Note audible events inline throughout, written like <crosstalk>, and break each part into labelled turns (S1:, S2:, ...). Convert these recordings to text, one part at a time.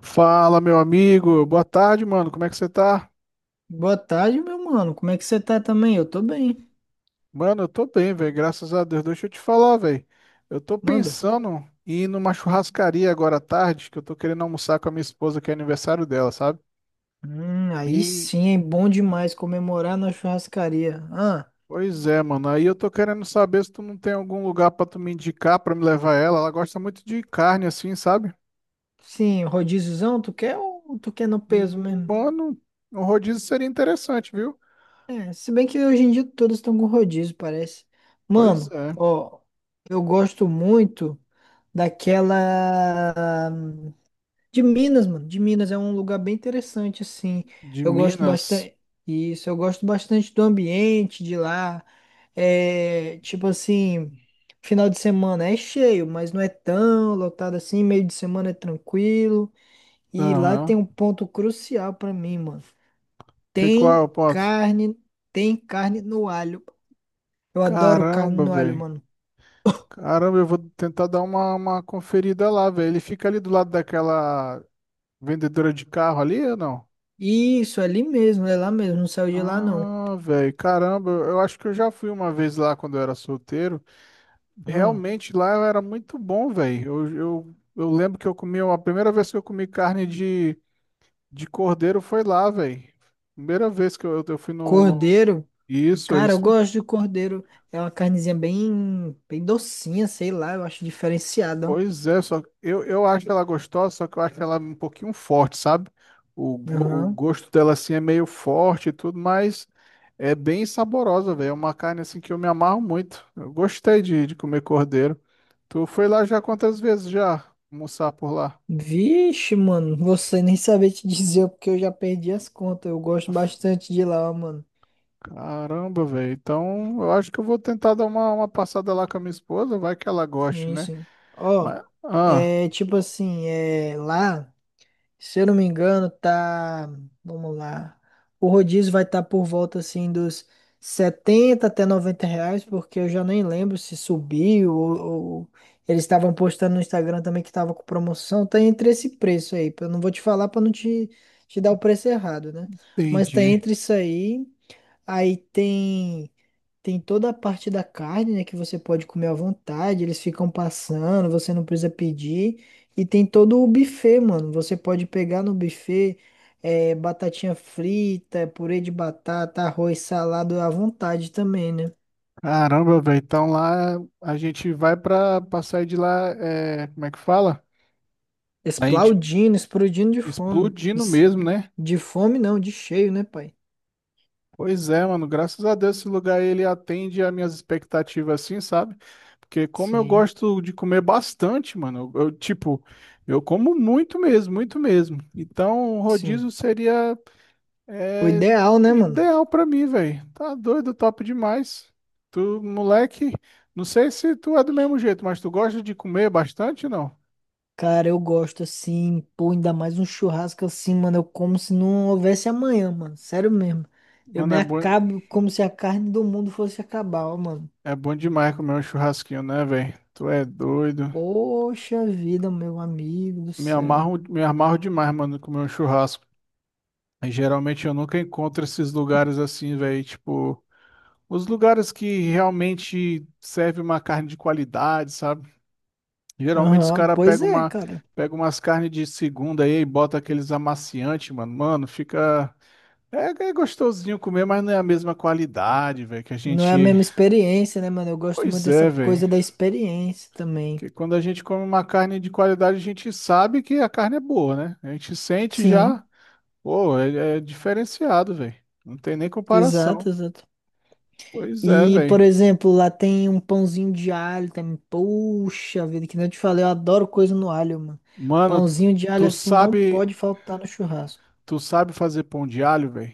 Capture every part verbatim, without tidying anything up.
S1: Fala, meu amigo. Boa tarde, mano. Como é que você tá?
S2: Boa tarde, meu mano. Como é que você tá também? Eu tô bem.
S1: Mano, eu tô bem, velho. Graças a Deus. Deixa eu te falar, velho. Eu tô
S2: Manda.
S1: pensando em ir numa churrascaria agora à tarde, que eu tô querendo almoçar com a minha esposa, que é aniversário dela, sabe?
S2: Hum, aí
S1: E,
S2: sim, é bom demais comemorar na churrascaria. Ah,
S1: pois é, mano. Aí eu tô querendo saber se tu não tem algum lugar pra tu me indicar, pra me levar ela. Ela gosta muito de carne, assim, sabe?
S2: sim, rodíziozão, tu quer ou tu quer no peso
S1: Hum,
S2: mesmo?
S1: Mano, um rodízio seria interessante, viu?
S2: É, se bem que hoje em dia todos estão com rodízio, parece.
S1: Pois
S2: Mano,
S1: é.
S2: ó, eu gosto muito daquela de Minas, mano. De Minas é um lugar bem interessante, assim.
S1: De
S2: Eu gosto
S1: Minas.
S2: bastante. Isso, eu gosto bastante do ambiente de lá. É, tipo assim, final de semana é cheio, mas não é tão lotado assim, meio de semana é tranquilo. E lá tem
S1: Aham.
S2: um ponto crucial pra mim, mano.
S1: Que qual é
S2: Tem
S1: o ponto?
S2: carne, tem carne no alho. Eu adoro carne
S1: Caramba,
S2: no alho,
S1: velho.
S2: mano.
S1: Caramba, eu vou tentar dar uma, uma conferida lá, velho. Ele fica ali do lado daquela vendedora de carro ali ou não?
S2: Isso, ali mesmo, é lá mesmo, não saiu de lá não.
S1: Ah, velho, caramba, eu eu acho que eu já fui uma vez lá quando eu era solteiro.
S2: Hum,
S1: Realmente lá eu era muito bom, velho. Eu, eu, eu lembro que eu comi, a primeira vez que eu comi carne de, de cordeiro foi lá, velho. Primeira vez que eu, eu fui no, no...
S2: Cordeiro,
S1: Isso,
S2: cara, eu
S1: eles
S2: gosto de cordeiro. É uma carnezinha bem, bem docinha, sei lá, eu acho diferenciada, ó.
S1: pois é, só eu, eu acho ela gostosa, só que eu acho ela um pouquinho forte, sabe? O, go- o
S2: Aham.
S1: gosto dela assim é meio forte e tudo, mas é bem saborosa, velho. É uma carne assim que eu me amarro muito. Eu gostei de, de comer cordeiro. Tu foi lá já quantas vezes já almoçar por lá?
S2: Vixe, mano, você nem saber te dizer <laughs> porque eu já perdi as contas. Eu gosto bastante de lá, ó, mano.
S1: Caramba, velho. Então eu acho que eu vou tentar dar uma, uma passada lá com a minha esposa, vai que ela goste,
S2: Sim,
S1: né?
S2: sim. Ó,
S1: Mas, ah,
S2: é tipo assim, é lá, se eu não me engano, tá. Vamos lá. O rodízio vai estar por volta assim dos setenta até noventa reais, porque eu já nem lembro se subiu ou, ou- eles estavam postando no Instagram também que tava com promoção. Tá entre esse preço aí. Eu não vou te falar pra não te, te dar o preço errado, né? Mas tá
S1: entendi.
S2: entre isso aí. Aí tem tem toda a parte da carne, né, que você pode comer à vontade, eles ficam passando, você não precisa pedir. E tem todo o buffet, mano. Você pode pegar no buffet é, batatinha frita, purê de batata, arroz, salado à vontade também, né?
S1: Caramba, velho. Então lá a gente vai pra, pra sair de lá, é, como é que fala? A gente
S2: Explodindo, explodindo de fome.
S1: explodindo
S2: Des-
S1: mesmo, né?
S2: De fome não, de cheio, né, pai?
S1: Pois é, mano. Graças a Deus esse lugar ele atende às minhas expectativas assim, sabe? Porque como eu
S2: Sim,
S1: gosto de comer bastante, mano, eu, eu, tipo, eu como muito mesmo, muito mesmo. Então o rodízio
S2: sim.
S1: seria
S2: O
S1: é,
S2: ideal, né, mano?
S1: ideal pra mim, velho. Tá doido, top demais. Tu, moleque, não sei se tu é do mesmo jeito, mas tu gosta de comer bastante ou não?
S2: Cara, eu gosto assim, pô, ainda mais um churrasco assim, mano. Eu como se não houvesse amanhã, mano. Sério mesmo. Eu
S1: Mano,
S2: me
S1: é bom,
S2: acabo como se a carne do mundo fosse acabar, ó, mano.
S1: é bom demais comer um churrasquinho, né, velho? Tu é doido.
S2: Poxa vida, meu amigo do
S1: Me
S2: céu.
S1: amarro, me amarro demais, mano, comer um churrasco. E, geralmente eu nunca encontro esses lugares assim, velho. Tipo, os lugares que realmente serve uma carne de qualidade, sabe? Geralmente os
S2: Aham,
S1: caras
S2: pois
S1: pegam
S2: é,
S1: uma,
S2: cara.
S1: pegam umas carnes de segunda aí e bota aqueles amaciantes, mano. Mano, fica. É, é gostosinho comer, mas não é a mesma qualidade, velho, que a
S2: Não é a
S1: gente.
S2: mesma experiência, né, mano? Eu gosto muito
S1: Pois
S2: dessa
S1: é,
S2: coisa
S1: velho.
S2: da experiência também.
S1: Porque quando a gente come uma carne de qualidade, a gente sabe que a carne é boa, né? A gente sente já,
S2: Sim,
S1: pô, é, é diferenciado, velho. Não tem nem
S2: exato,
S1: comparação.
S2: exato.
S1: Pois é,
S2: E, por
S1: velho.
S2: exemplo, lá tem um pãozinho de alho também. Puxa vida, que nem eu te falei, eu adoro coisa no alho, mano.
S1: Mano,
S2: Pãozinho de alho
S1: tu
S2: assim não
S1: sabe,
S2: pode faltar no churrasco.
S1: tu sabe fazer pão de alho, velho?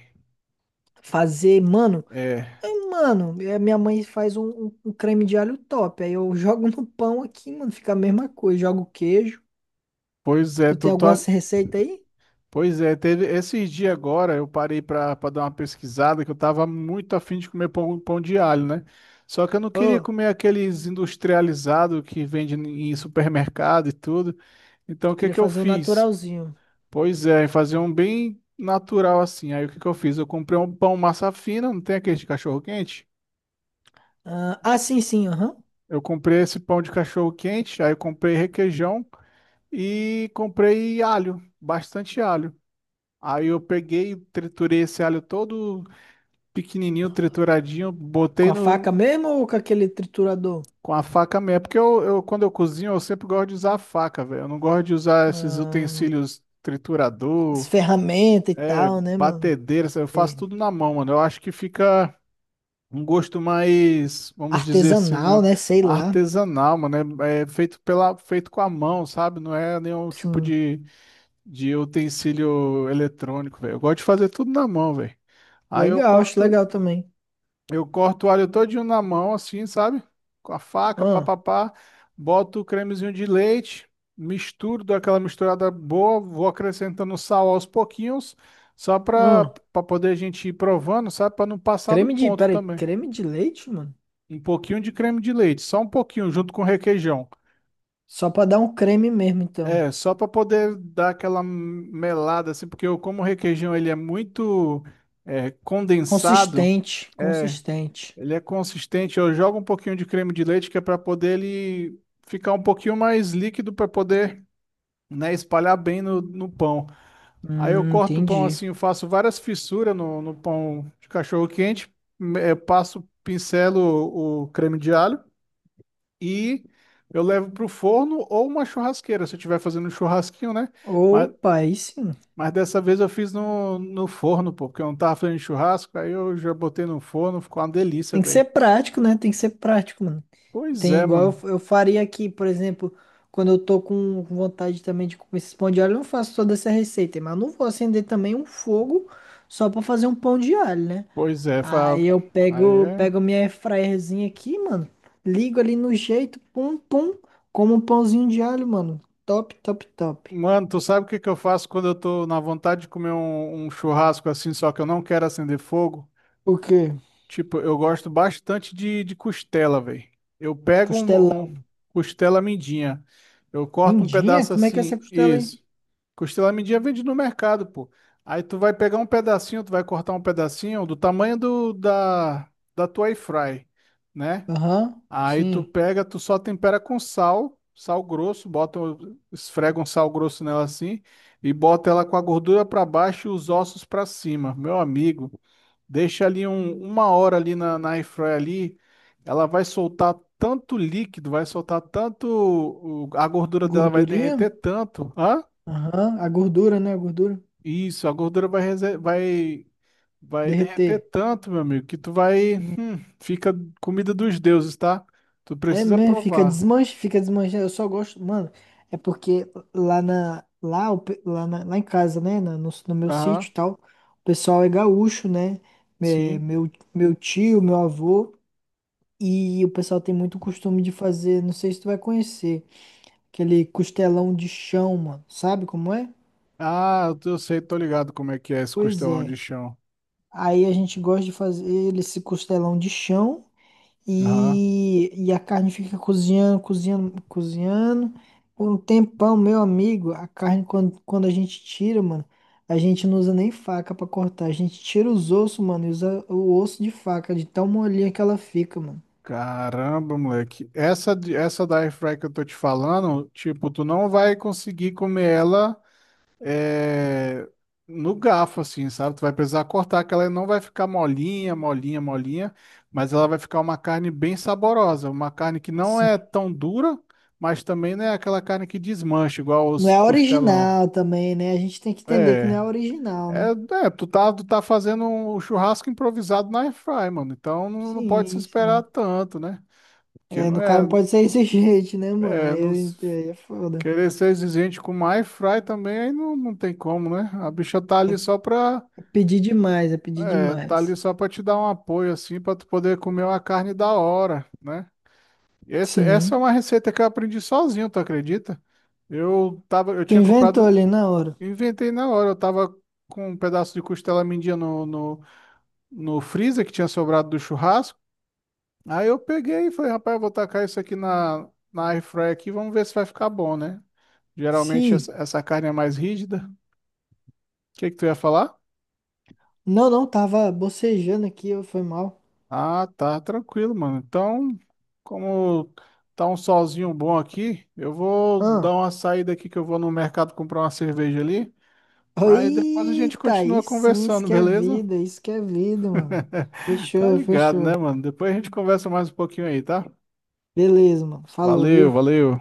S2: Fazer, mano,
S1: É.
S2: é, mano, é, minha mãe faz um, um- um creme de alho top. Aí eu <laughs> jogo no pão aqui, mano, fica a mesma coisa. Jogo queijo.
S1: Pois é,
S2: Tu
S1: tu,
S2: tem
S1: tu,
S2: alguma receita aí?
S1: pois é, teve esses dias agora eu parei para dar uma pesquisada que eu tava muito afim de comer pão, pão de alho, né? Só que eu não queria
S2: Ô,
S1: comer aqueles industrializados que vende em supermercado e tudo. Então
S2: tu
S1: o que
S2: queria
S1: que eu
S2: fazer um
S1: fiz?
S2: naturalzinho.
S1: Pois é, fazer um bem natural assim. Aí o que que eu fiz? Eu comprei um pão massa fina, não tem aquele de cachorro quente?
S2: Ah, ah, sim, sim, aham.
S1: Eu comprei esse pão de cachorro quente, aí eu comprei requeijão e comprei alho, bastante alho. Aí eu peguei, triturei esse alho todo pequenininho, trituradinho,
S2: Com
S1: botei
S2: a
S1: no,
S2: faca mesmo ou com aquele triturador?
S1: com a faca mesmo. Porque eu, eu, quando eu cozinho, eu sempre gosto de usar a faca, velho. Eu não gosto de usar esses
S2: Ah,
S1: utensílios
S2: as
S1: triturador,
S2: ferramentas e tal, né, mano?
S1: batedeira, sabe? Eu faço
S2: Sei.
S1: tudo na mão, mano. Eu acho que fica um gosto mais, vamos dizer assim, né?
S2: Artesanal, né? Sei lá.
S1: Artesanal, mano. É, é feito pela, feito com a mão, sabe? Não é nenhum tipo
S2: Sim.
S1: de, de utensílio eletrônico, velho. Eu gosto de fazer tudo na mão, velho. Aí eu
S2: Legal, acho
S1: corto.
S2: legal também.
S1: Eu corto o alho todinho na mão, assim, sabe? Com a faca,
S2: Ah,
S1: papapá. Boto o cremezinho de leite, misturo, dou aquela misturada boa, vou acrescentando sal aos pouquinhos, só para
S2: ah.
S1: para poder a gente ir provando, sabe? Para não passar do
S2: Creme de.
S1: ponto
S2: Peraí,
S1: também.
S2: creme de leite, mano?
S1: Um pouquinho de creme de leite, só um pouquinho, junto com requeijão.
S2: Só pra dar um creme mesmo, então.
S1: É, só para poder dar aquela melada, assim, porque eu, como o requeijão ele é muito é, condensado,
S2: Consistente,
S1: é.
S2: consistente.
S1: Ele é consistente. Eu jogo um pouquinho de creme de leite que é para poder ele ficar um pouquinho mais líquido para poder, né, espalhar bem no, no pão. Aí eu
S2: Hum,
S1: corto o pão
S2: entendi.
S1: assim, eu faço várias fissuras no, no pão de cachorro quente, me- eh, passo, pincelo o, o creme de alho e eu levo pro forno ou uma churrasqueira, se eu estiver fazendo um churrasquinho, né? Mas,
S2: Opa, aí sim.
S1: mas dessa vez eu fiz no, no forno, pô, porque eu não tava fazendo churrasco, aí eu já botei no forno, ficou uma delícia,
S2: Tem que
S1: velho.
S2: ser prático, né? Tem que ser prático, mano.
S1: Pois
S2: Tem
S1: é,
S2: igual
S1: mano.
S2: eu, eu faria aqui, por exemplo, quando eu tô com com vontade também de comer esses pão de alho, eu não faço toda essa receita, mas eu não vou acender também um fogo só pra fazer um pão de alho, né?
S1: Pois é, fa...
S2: Aí eu
S1: aí
S2: pego,
S1: é.
S2: pego minha airfryerzinha aqui, mano, ligo ali no jeito, pum, pum, como um pãozinho de alho, mano. Top, top, top.
S1: Mano, tu sabe o que que eu faço quando eu tô na vontade de comer um, um churrasco assim, só que eu não quero acender fogo?
S2: O quê?
S1: Tipo, eu gosto bastante de, de costela, velho. Eu pego um,
S2: Costelão.
S1: um costela mindinha, eu corto um
S2: Mindinha?
S1: pedaço
S2: Como é que é essa
S1: assim,
S2: costela aí?
S1: isso. Costela mindinha vende no mercado, pô. Aí tu vai pegar um pedacinho, tu vai cortar um pedacinho do tamanho do, da, da tua air fry, né?
S2: Aham,
S1: Aí tu
S2: sim.
S1: pega, tu só tempera com sal, sal grosso, bota, um- esfrega um sal grosso nela assim e bota ela com a gordura para baixo e os ossos para cima. Meu amigo, deixa ali um- uma hora ali na, na air fryer ali, ela vai soltar tanto líquido, vai soltar tanto, o- a gordura dela vai
S2: Gordurinha?
S1: derreter tanto, hã?
S2: Aham, a gordura, né? A gordura.
S1: Isso, a gordura vai, rese- vai, vai derreter
S2: Derreter.
S1: tanto, meu amigo, que tu vai, fica comida dos deuses, tá? Tu
S2: É,
S1: precisa
S2: né? Fica
S1: provar.
S2: desmanche, fica desmanche. Eu só gosto, mano. É porque lá na, lá, o pe- lá, na- lá em casa, né, na- no, no meu sítio
S1: Aham.
S2: e tal, o pessoal é gaúcho, né? É,
S1: Sim.
S2: meu, meu tio, meu avô, e o pessoal tem muito costume de fazer, não sei se tu vai conhecer, aquele costelão de chão, mano. Sabe como é?
S1: Ah, eu tô- eu sei, tô ligado como é que é esse
S2: Pois
S1: costelão
S2: é.
S1: de chão.
S2: Aí a gente gosta de fazer esse costelão de chão.
S1: Aham.
S2: E, e a carne fica cozinhando, cozinhando, cozinhando. Por um tempão, meu amigo, a carne, quando, quando a gente tira, mano, a gente não usa nem faca pra cortar. A gente tira os ossos, mano, e usa o osso de faca, de tão molinha que ela fica, mano.
S1: Caramba, moleque. Essa, de- essa da airfry que eu tô te falando, tipo, tu não vai conseguir comer ela é, no garfo, assim, sabe? Tu vai precisar cortar, que ela não vai ficar molinha, molinha, molinha, mas ela vai ficar uma carne bem saborosa. Uma carne que não é
S2: Sim.
S1: tão dura, mas também não é aquela carne que desmancha, igual
S2: Não
S1: os
S2: é
S1: costelão.
S2: original também, né? A gente tem que entender que não
S1: É.
S2: é original,
S1: É,
S2: né?
S1: é, tu tá, tu tá fazendo um um churrasco improvisado na airfry, mano. Então não, não pode se
S2: Sim,
S1: esperar
S2: sim.
S1: tanto, né? Porque
S2: É,
S1: não
S2: no cara
S1: é,
S2: não pode ser exigente, <laughs> né, mano?
S1: é
S2: Aí, eu
S1: nos-
S2: ent- aí é foda.
S1: querer ser exigente com uma airfry também aí não, não tem como, né? A bicha tá ali só pra,
S2: É pedir demais, é pedir
S1: é, tá ali
S2: demais.
S1: só pra te dar um apoio assim, pra tu poder comer uma carne da hora, né? E esse- essa é
S2: Sim.
S1: uma receita que eu aprendi sozinho, tu acredita? Eu tava, eu
S2: Tu
S1: tinha
S2: inventou
S1: comprado,
S2: ali na hora.
S1: inventei na hora, eu tava com um pedaço de costela mendia no, no no freezer que tinha sobrado do churrasco. Aí eu peguei e falei, rapaz, eu vou tacar isso aqui na, na air fryer aqui, vamos ver se vai ficar bom, né? Geralmente essa,
S2: Sim.
S1: essa carne é mais rígida. O que que tu ia falar?
S2: Não, não, tava bocejando aqui, eu- foi mal.
S1: Ah, tá, tranquilo, mano. Então, como tá um solzinho bom aqui, eu vou
S2: Ah.
S1: dar uma saída aqui que eu vou no mercado comprar uma cerveja ali, mas depois a gente
S2: Eita,
S1: continua
S2: aí sim, isso
S1: conversando,
S2: que é
S1: beleza?
S2: vida, isso que é vida, mano.
S1: <laughs> Tá
S2: Fechou,
S1: ligado,
S2: fechou.
S1: né, mano? Depois a gente conversa mais um pouquinho aí, tá?
S2: Beleza, mano. Falou,
S1: Valeu,
S2: viu?
S1: valeu.